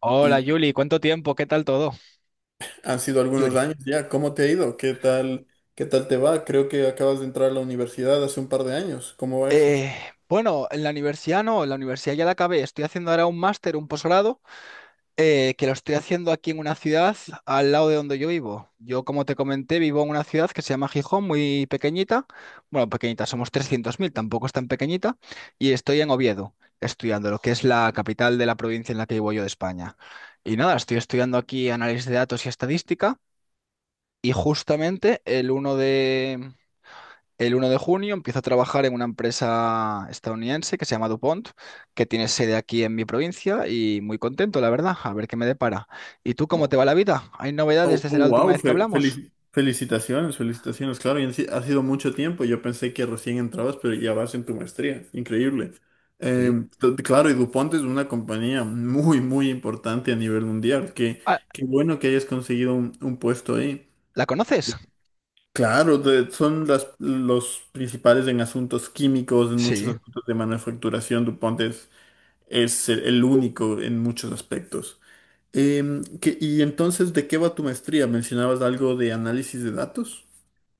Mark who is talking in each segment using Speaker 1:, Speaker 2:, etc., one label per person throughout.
Speaker 1: Hola
Speaker 2: Y
Speaker 1: Yuli, ¿cuánto tiempo? ¿Qué tal todo?
Speaker 2: han sido algunos
Speaker 1: Yuri.
Speaker 2: años ya. ¿Cómo te ha ido? ¿Qué tal? ¿Qué tal te va? Creo que acabas de entrar a la universidad hace un par de años. ¿Cómo va eso?
Speaker 1: Eh, bueno, en la universidad no, en la universidad ya la acabé. Estoy haciendo ahora un máster, un posgrado, que lo estoy haciendo aquí en una ciudad al lado de donde yo vivo. Yo, como te comenté, vivo en una ciudad que se llama Gijón, muy pequeñita. Bueno, pequeñita, somos 300.000, tampoco es tan pequeñita. Y estoy en Oviedo, estudiando lo que es la capital de la provincia en la que vivo yo de España. Y nada, estoy estudiando aquí análisis de datos y estadística. Y justamente el uno de, El 1 de junio empiezo a trabajar en una empresa estadounidense que se llama DuPont, que tiene sede aquí en mi provincia y muy contento, la verdad, a ver qué me depara. ¿Y tú cómo
Speaker 2: Oh,
Speaker 1: te va la vida? ¿Hay novedades
Speaker 2: oh,
Speaker 1: desde
Speaker 2: oh,
Speaker 1: la última
Speaker 2: wow,
Speaker 1: vez que hablamos?
Speaker 2: felicitaciones, felicitaciones, claro, y han si- ha sido mucho tiempo, yo pensé que recién entrabas, pero ya vas en tu maestría, increíble. Eh,
Speaker 1: Sí.
Speaker 2: claro, y DuPont es una compañía muy, muy importante a nivel mundial, que
Speaker 1: Ah,
Speaker 2: qué bueno que hayas conseguido un puesto ahí.
Speaker 1: ¿la conoces?
Speaker 2: Claro, son las, los principales en asuntos químicos, en muchos
Speaker 1: Sí.
Speaker 2: aspectos de manufacturación. DuPont es el único en muchos aspectos. Y entonces, ¿de qué va tu maestría? ¿Mencionabas algo de análisis de datos?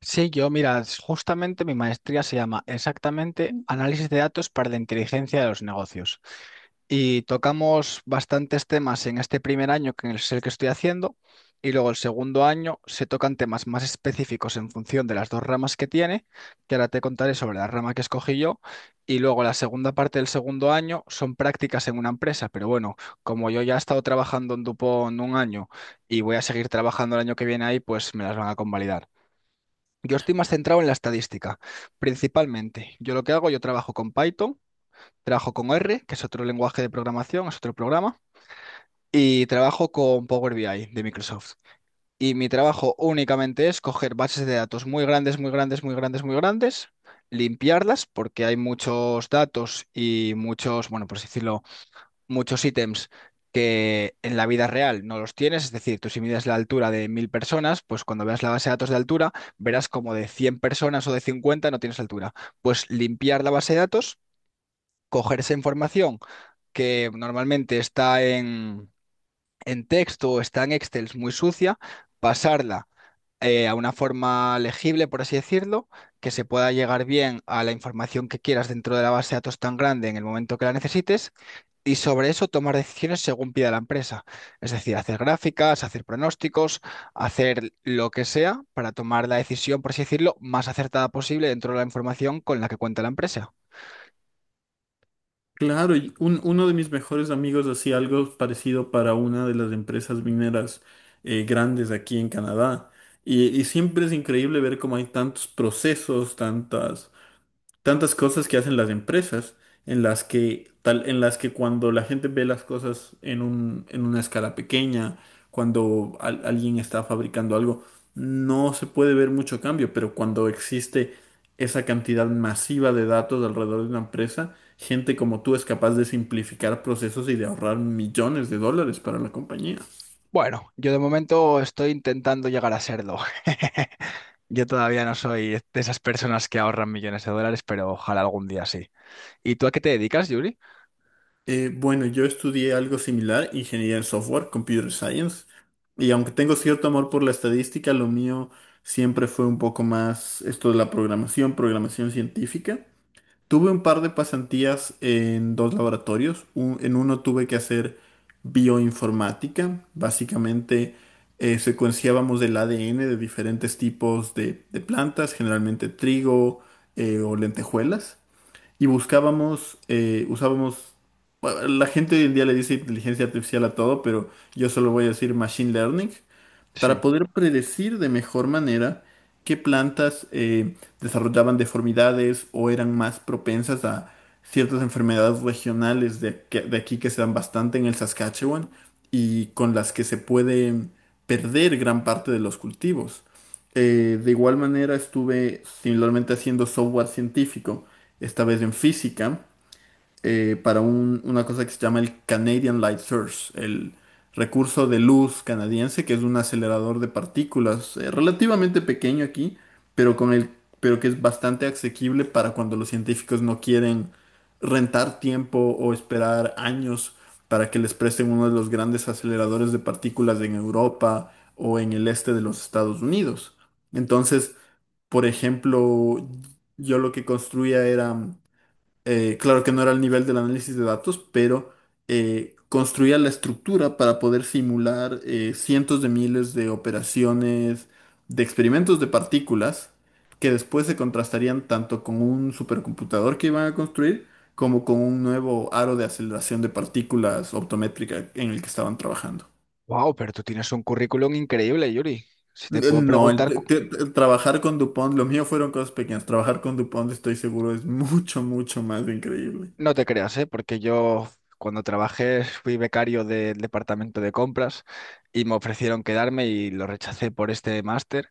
Speaker 1: Sí, yo, mira, justamente mi maestría se llama exactamente Análisis de datos para la inteligencia de los negocios. Y tocamos bastantes temas en este primer año, que es el que estoy haciendo, y luego el segundo año se tocan temas más específicos en función de las dos ramas que tiene, que ahora te contaré sobre la rama que escogí yo, y luego la segunda parte del segundo año son prácticas en una empresa, pero bueno, como yo ya he estado trabajando en Dupont un año y voy a seguir trabajando el año que viene ahí, pues me las van a convalidar. Yo estoy más centrado en la estadística, principalmente. Yo lo que hago, yo trabajo con Python. Trabajo con R, que es otro lenguaje de programación, es otro programa, y trabajo con Power BI de Microsoft. Y mi trabajo únicamente es coger bases de datos muy grandes, muy grandes, muy grandes, muy grandes, limpiarlas, porque hay muchos datos y muchos, bueno, por así decirlo, muchos ítems que en la vida real no los tienes. Es decir, tú si mides la altura de 1000 personas, pues cuando veas la base de datos de altura, verás como de 100 personas o de 50 no tienes altura. Pues limpiar la base de datos, coger esa información que normalmente está en texto o está en Excel muy sucia, pasarla a una forma legible, por así decirlo, que se pueda llegar bien a la información que quieras dentro de la base de datos tan grande en el momento que la necesites y sobre eso tomar decisiones según pida la empresa. Es decir, hacer gráficas, hacer pronósticos, hacer lo que sea para tomar la decisión, por así decirlo, más acertada posible dentro de la información con la que cuenta la empresa.
Speaker 2: Claro, y uno de mis mejores amigos hacía algo parecido para una de las empresas mineras grandes aquí en Canadá. Y siempre es increíble ver cómo hay tantos procesos, tantas cosas que hacen las empresas en las que cuando la gente ve las cosas en una escala pequeña, cuando alguien está fabricando algo, no se puede ver mucho cambio, pero cuando existe esa cantidad masiva de datos alrededor de una empresa, gente como tú es capaz de simplificar procesos y de ahorrar millones de dólares para la compañía.
Speaker 1: Bueno, yo de momento estoy intentando llegar a serlo. Yo todavía no soy de esas personas que ahorran millones de dólares, pero ojalá algún día sí. ¿Y tú a qué te dedicas, Yuri?
Speaker 2: Bueno, yo estudié algo similar, ingeniería en software, computer science, y aunque tengo cierto amor por la estadística, lo mío siempre fue un poco más esto de la programación, programación científica. Tuve un par de pasantías en dos laboratorios. En uno tuve que hacer bioinformática, básicamente secuenciábamos el ADN de diferentes tipos de plantas, generalmente trigo o lentejuelas y buscábamos, usábamos, bueno, la gente hoy en día le dice inteligencia artificial a todo, pero yo solo voy a decir machine learning,
Speaker 1: Sí.
Speaker 2: para poder predecir de mejor manera qué plantas desarrollaban deformidades o eran más propensas a ciertas enfermedades regionales de aquí que se dan bastante en el Saskatchewan y con las que se puede perder gran parte de los cultivos. De igual manera estuve similarmente haciendo software científico, esta vez en física para una cosa que se llama el Canadian Light Source, el recurso de luz canadiense, que es un acelerador de partículas relativamente pequeño aquí, pero con el, pero que es bastante asequible para cuando los científicos no quieren rentar tiempo o esperar años para que les presten uno de los grandes aceleradores de partículas en Europa o en el este de los Estados Unidos. Entonces, por ejemplo, yo lo que construía era claro que no era el nivel del análisis de datos, pero construía la estructura para poder simular cientos de miles de operaciones, de experimentos de partículas, que después se contrastarían tanto con un supercomputador que iban a construir, como con un nuevo aro de aceleración de partículas optométrica en el que estaban trabajando.
Speaker 1: Wow, pero tú tienes un currículum increíble, Yuri. Si te puedo
Speaker 2: No, el,
Speaker 1: preguntar,
Speaker 2: te-
Speaker 1: cu-
Speaker 2: te- te- trabajar con DuPont, lo mío fueron cosas pequeñas. Trabajar con DuPont, estoy seguro, es mucho, mucho más increíble.
Speaker 1: No te creas, ¿eh? Porque yo cuando trabajé fui becario del departamento de compras y me ofrecieron quedarme y lo rechacé por este máster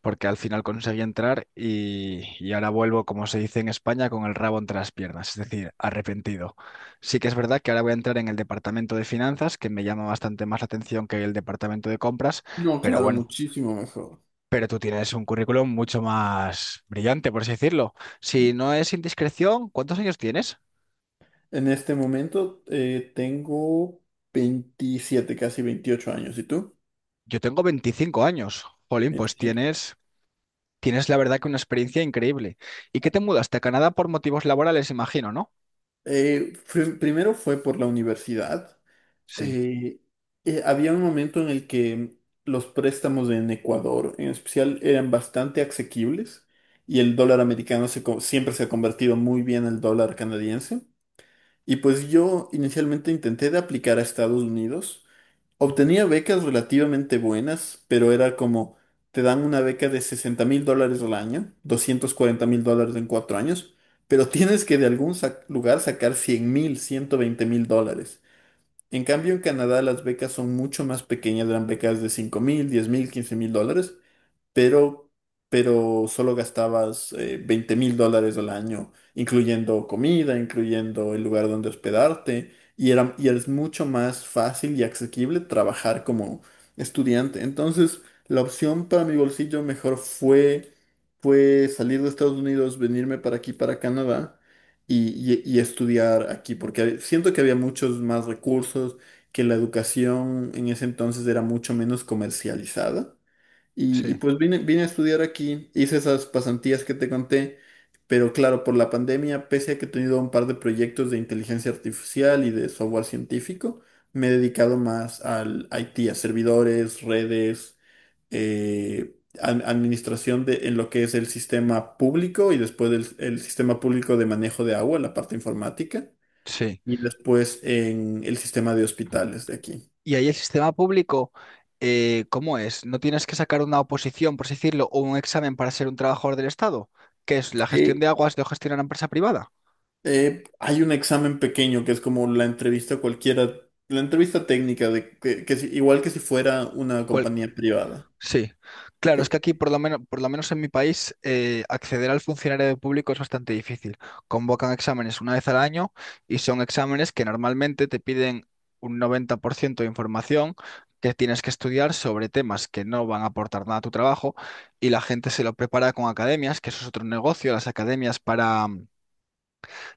Speaker 1: porque al final conseguí entrar y ahora vuelvo, como se dice en España, con el rabo entre las piernas, es decir, arrepentido. Sí que es verdad que ahora voy a entrar en el departamento de finanzas, que me llama bastante más la atención que el departamento de compras,
Speaker 2: No,
Speaker 1: pero
Speaker 2: claro,
Speaker 1: bueno.
Speaker 2: muchísimo mejor.
Speaker 1: Pero tú tienes un currículum mucho más brillante, por así decirlo. Si no es indiscreción, ¿cuántos años tienes?
Speaker 2: En este momento tengo 27, casi 28 años. ¿Y tú?
Speaker 1: Yo tengo 25 años. Jolín, pues
Speaker 2: 25.
Speaker 1: tienes, tienes la verdad que una experiencia increíble. ¿Y qué te mudaste a Canadá por motivos laborales, imagino, ¿no?
Speaker 2: Primero fue por la universidad.
Speaker 1: Sí,
Speaker 2: Eh, Había un momento en el que los préstamos en Ecuador, en especial, eran bastante asequibles y el dólar americano siempre se ha convertido muy bien al dólar canadiense. Y pues yo inicialmente intenté de aplicar a Estados Unidos. Obtenía becas relativamente buenas, pero era como, te dan una beca de 60.000 dólares al año, 240.000 dólares en 4 años, pero tienes que de algún lugar sacar 100.000, 120.000 dólares. En cambio, en Canadá las becas son mucho más pequeñas, eran becas de 5.000, 10.000, 15.000 dólares, pero, pero solo gastabas 20.000 dólares al año, incluyendo comida, incluyendo el lugar donde hospedarte, y era, y es mucho más fácil y asequible trabajar como estudiante. Entonces, la opción para mi bolsillo mejor fue salir de Estados Unidos, venirme para aquí, para Canadá. Y estudiar aquí, porque siento que había muchos más recursos, que la educación en ese entonces era mucho menos comercializada. Y
Speaker 1: sí,
Speaker 2: pues vine a estudiar aquí, hice esas pasantías que te conté, pero claro, por la pandemia, pese a que he tenido un par de proyectos de inteligencia artificial y de software científico, me he dedicado más al IT, a servidores, redes, administración de, en lo que es el sistema público y después el sistema público de manejo de agua, la parte informática,
Speaker 1: sí.
Speaker 2: y después en el sistema de hospitales de aquí.
Speaker 1: ¿Y ahí el sistema público, cómo es? ¿No tienes que sacar una oposición, por así decirlo, o un examen para ser un trabajador del Estado? ¿Qué es la gestión
Speaker 2: Eh,
Speaker 1: de aguas lo gestiona una empresa privada?
Speaker 2: Hay un examen pequeño que es como la entrevista cualquiera, la entrevista técnica de que si- igual que si fuera una
Speaker 1: ¿Cuál?
Speaker 2: compañía privada.
Speaker 1: Sí, claro, es
Speaker 2: Sí,
Speaker 1: que aquí, por lo menos en mi país, acceder al funcionario público es bastante difícil. Convocan exámenes una vez al año y son exámenes que normalmente te piden un 90% de información que tienes que estudiar sobre temas que no van a aportar nada a tu trabajo y la gente se lo prepara con academias, que eso es otro negocio, las academias para,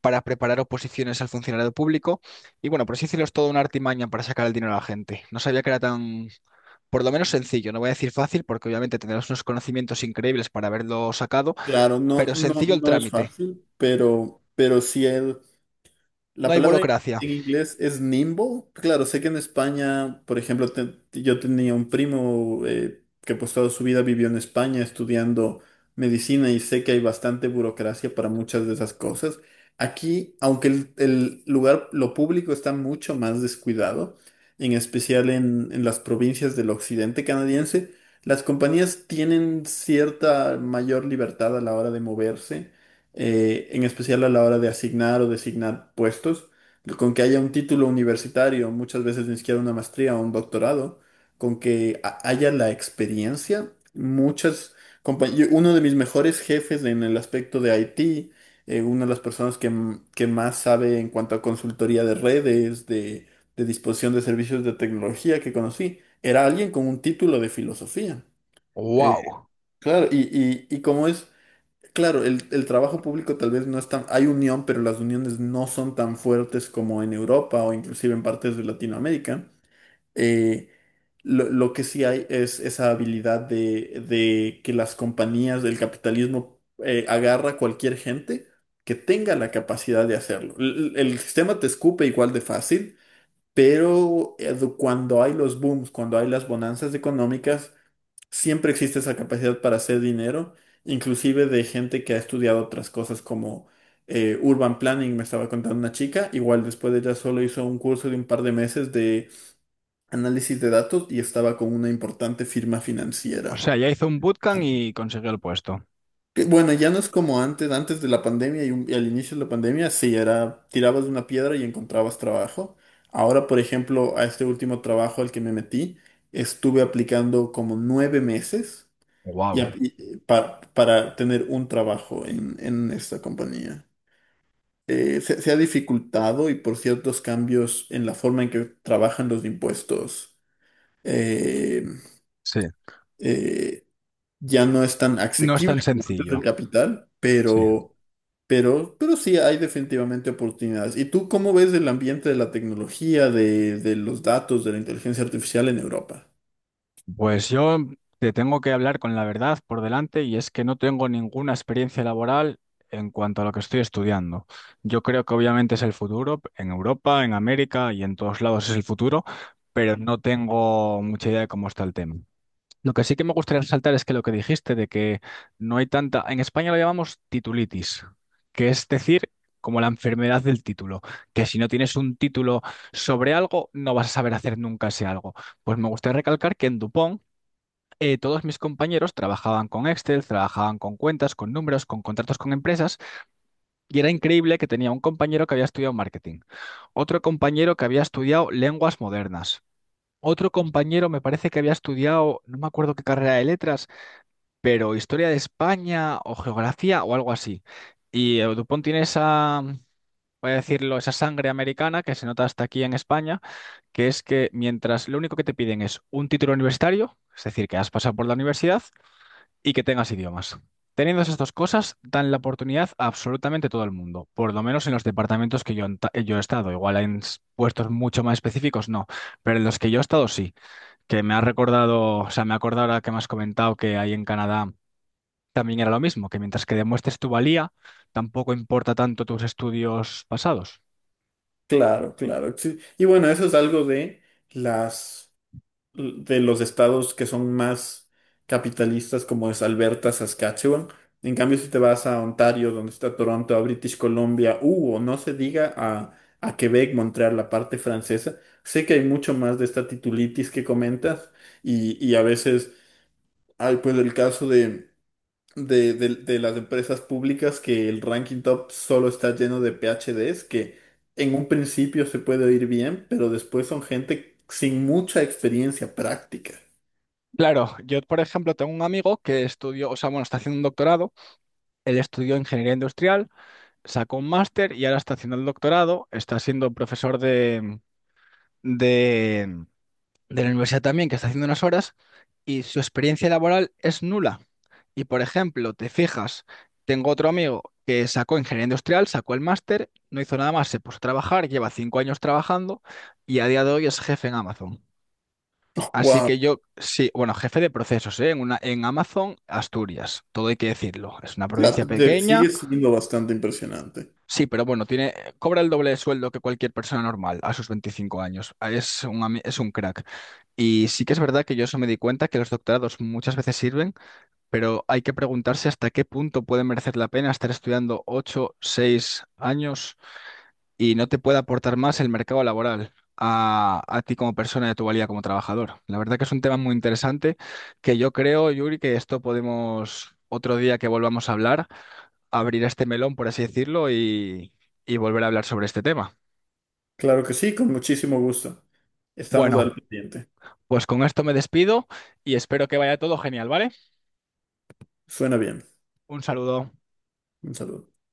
Speaker 1: para preparar oposiciones al funcionario público. Y bueno, por así decirlo, es toda una artimaña para sacar el dinero a la gente. No sabía que era tan, por lo menos sencillo, no voy a decir fácil porque obviamente tendrás unos conocimientos increíbles para haberlo sacado,
Speaker 2: claro, no,
Speaker 1: pero
Speaker 2: no,
Speaker 1: sencillo el
Speaker 2: no es
Speaker 1: trámite,
Speaker 2: fácil, pero sí es.
Speaker 1: no
Speaker 2: La
Speaker 1: hay
Speaker 2: palabra
Speaker 1: burocracia.
Speaker 2: en inglés es nimbo. Claro, sé que en España, por ejemplo, yo tenía un primo que pues toda su vida vivió en España estudiando medicina y sé que hay bastante burocracia para muchas de esas cosas. Aquí, aunque el lugar, lo público está mucho más descuidado, en especial en las provincias del occidente canadiense, las compañías tienen cierta mayor libertad a la hora de moverse en especial a la hora de asignar o designar puestos, con que haya un título universitario, muchas veces ni siquiera una maestría o un doctorado, con que haya la experiencia. Uno de mis mejores jefes en el aspecto de IT, una de las personas que, que más sabe en cuanto a consultoría de redes, de disposición de servicios de tecnología que conocí, era alguien con un título de filosofía. Eh,
Speaker 1: Wow.
Speaker 2: claro, y, y como es. Claro, el trabajo público tal vez no es tan. Hay unión, pero las uniones no son tan fuertes como en Europa o inclusive en partes de Latinoamérica. Eh, lo que sí hay es esa habilidad de que las compañías del capitalismo agarra a cualquier gente que tenga la capacidad de hacerlo. El sistema te escupe igual de fácil, pero cuando hay los booms, cuando hay las bonanzas económicas siempre existe esa capacidad para hacer dinero, inclusive de gente que ha estudiado otras cosas como Urban Planning, me estaba contando una chica, igual después de ella solo hizo un curso de un par de meses de análisis de datos y estaba con una importante firma
Speaker 1: O
Speaker 2: financiera.
Speaker 1: sea, ya hizo un bootcamp y consiguió el puesto.
Speaker 2: Bueno, ya no es como antes, antes de la pandemia y al inicio de la pandemia, sí, era, tirabas de una piedra y encontrabas trabajo. Ahora, por ejemplo, a este último trabajo al que me metí, estuve aplicando como 9 meses
Speaker 1: Wow.
Speaker 2: para tener un trabajo en esta compañía. Se ha dificultado y por ciertos cambios en la forma en que trabajan los impuestos, eh,
Speaker 1: Sí.
Speaker 2: eh, ya no es tan
Speaker 1: No es
Speaker 2: asequible
Speaker 1: tan
Speaker 2: como antes
Speaker 1: sencillo.
Speaker 2: del capital,
Speaker 1: Sí.
Speaker 2: pero sí hay definitivamente oportunidades. ¿Y tú cómo ves el ambiente de la tecnología, de los datos, de la inteligencia artificial en Europa?
Speaker 1: Pues yo te tengo que hablar con la verdad por delante y es que no tengo ninguna experiencia laboral en cuanto a lo que estoy estudiando. Yo creo que obviamente es el futuro, en Europa, en América y en todos lados es el futuro, pero no tengo mucha idea de cómo está el tema. Lo que sí que me gustaría resaltar es que lo que dijiste de que no hay tanta, en España lo llamamos titulitis, que es decir, como la enfermedad del título, que si no tienes un título sobre algo, no vas a saber hacer nunca ese algo. Pues me gustaría recalcar que en Dupont todos mis compañeros trabajaban con Excel, trabajaban con cuentas, con números, con contratos con empresas, y era increíble que tenía un compañero que había estudiado marketing, otro compañero que había estudiado lenguas modernas. Otro compañero me parece que había estudiado, no me acuerdo qué carrera de letras, pero historia de España o geografía o algo así. Y Dupont tiene esa, voy a decirlo, esa sangre americana que se nota hasta aquí en España, que es que mientras lo único que te piden es un título universitario, es decir, que has pasado por la universidad y que tengas idiomas. Teniendo esas dos cosas, dan la oportunidad a absolutamente todo el mundo, por lo menos en los departamentos que yo, yo he estado. Igual en puestos mucho más específicos, no, pero en los que yo he estado sí, que me ha recordado, o sea, me ha acordado ahora que me has comentado que hay en Canadá también era lo mismo, que mientras que demuestres tu valía, tampoco importa tanto tus estudios pasados.
Speaker 2: Claro, claro. Sí. Y bueno, eso es algo las... de los estados que son más capitalistas, como es Alberta, Saskatchewan. En cambio, si te vas a Ontario, donde está Toronto, a British Columbia, o no se diga a, Quebec, Montreal, la parte francesa, sé que hay mucho más de esta titulitis que comentas y a veces hay pues el caso de las empresas públicas que el ranking top solo está lleno de PhDs que en un principio se puede oír bien, pero después son gente sin mucha experiencia práctica.
Speaker 1: Claro, yo por ejemplo tengo un amigo que estudió, o sea, bueno, está haciendo un doctorado, él estudió ingeniería industrial, sacó un máster y ahora está haciendo el doctorado, está siendo profesor de de la universidad también, que está haciendo unas horas, y su experiencia laboral es nula. Y por ejemplo, te fijas, tengo otro amigo que sacó ingeniería industrial, sacó el máster, no hizo nada más, se puso a trabajar, lleva 5 años trabajando y a día de hoy es jefe en Amazon. Así
Speaker 2: Wow,
Speaker 1: que yo, sí, bueno, jefe de procesos, ¿eh? En Amazon, Asturias, todo hay que decirlo. Es una provincia
Speaker 2: sigue
Speaker 1: pequeña.
Speaker 2: siendo bastante impresionante.
Speaker 1: Sí, pero bueno, tiene, cobra el doble de sueldo que cualquier persona normal a sus 25 años. Ah, Es un crack. Y sí que es verdad que yo eso me di cuenta, que los doctorados muchas veces sirven, pero hay que preguntarse hasta qué punto puede merecer la pena estar estudiando 8, 6 años y no te puede aportar más el mercado laboral a ti como persona y a tu valía como trabajador. La verdad que es un tema muy interesante que yo creo, Yuri, que esto podemos otro día que volvamos a hablar abrir este melón, por así decirlo, y volver a hablar sobre este tema.
Speaker 2: Claro que sí, con muchísimo gusto. Estamos
Speaker 1: Bueno,
Speaker 2: al pendiente.
Speaker 1: pues con esto me despido y espero que vaya todo genial, ¿vale?
Speaker 2: Suena bien.
Speaker 1: Un saludo.
Speaker 2: Un saludo.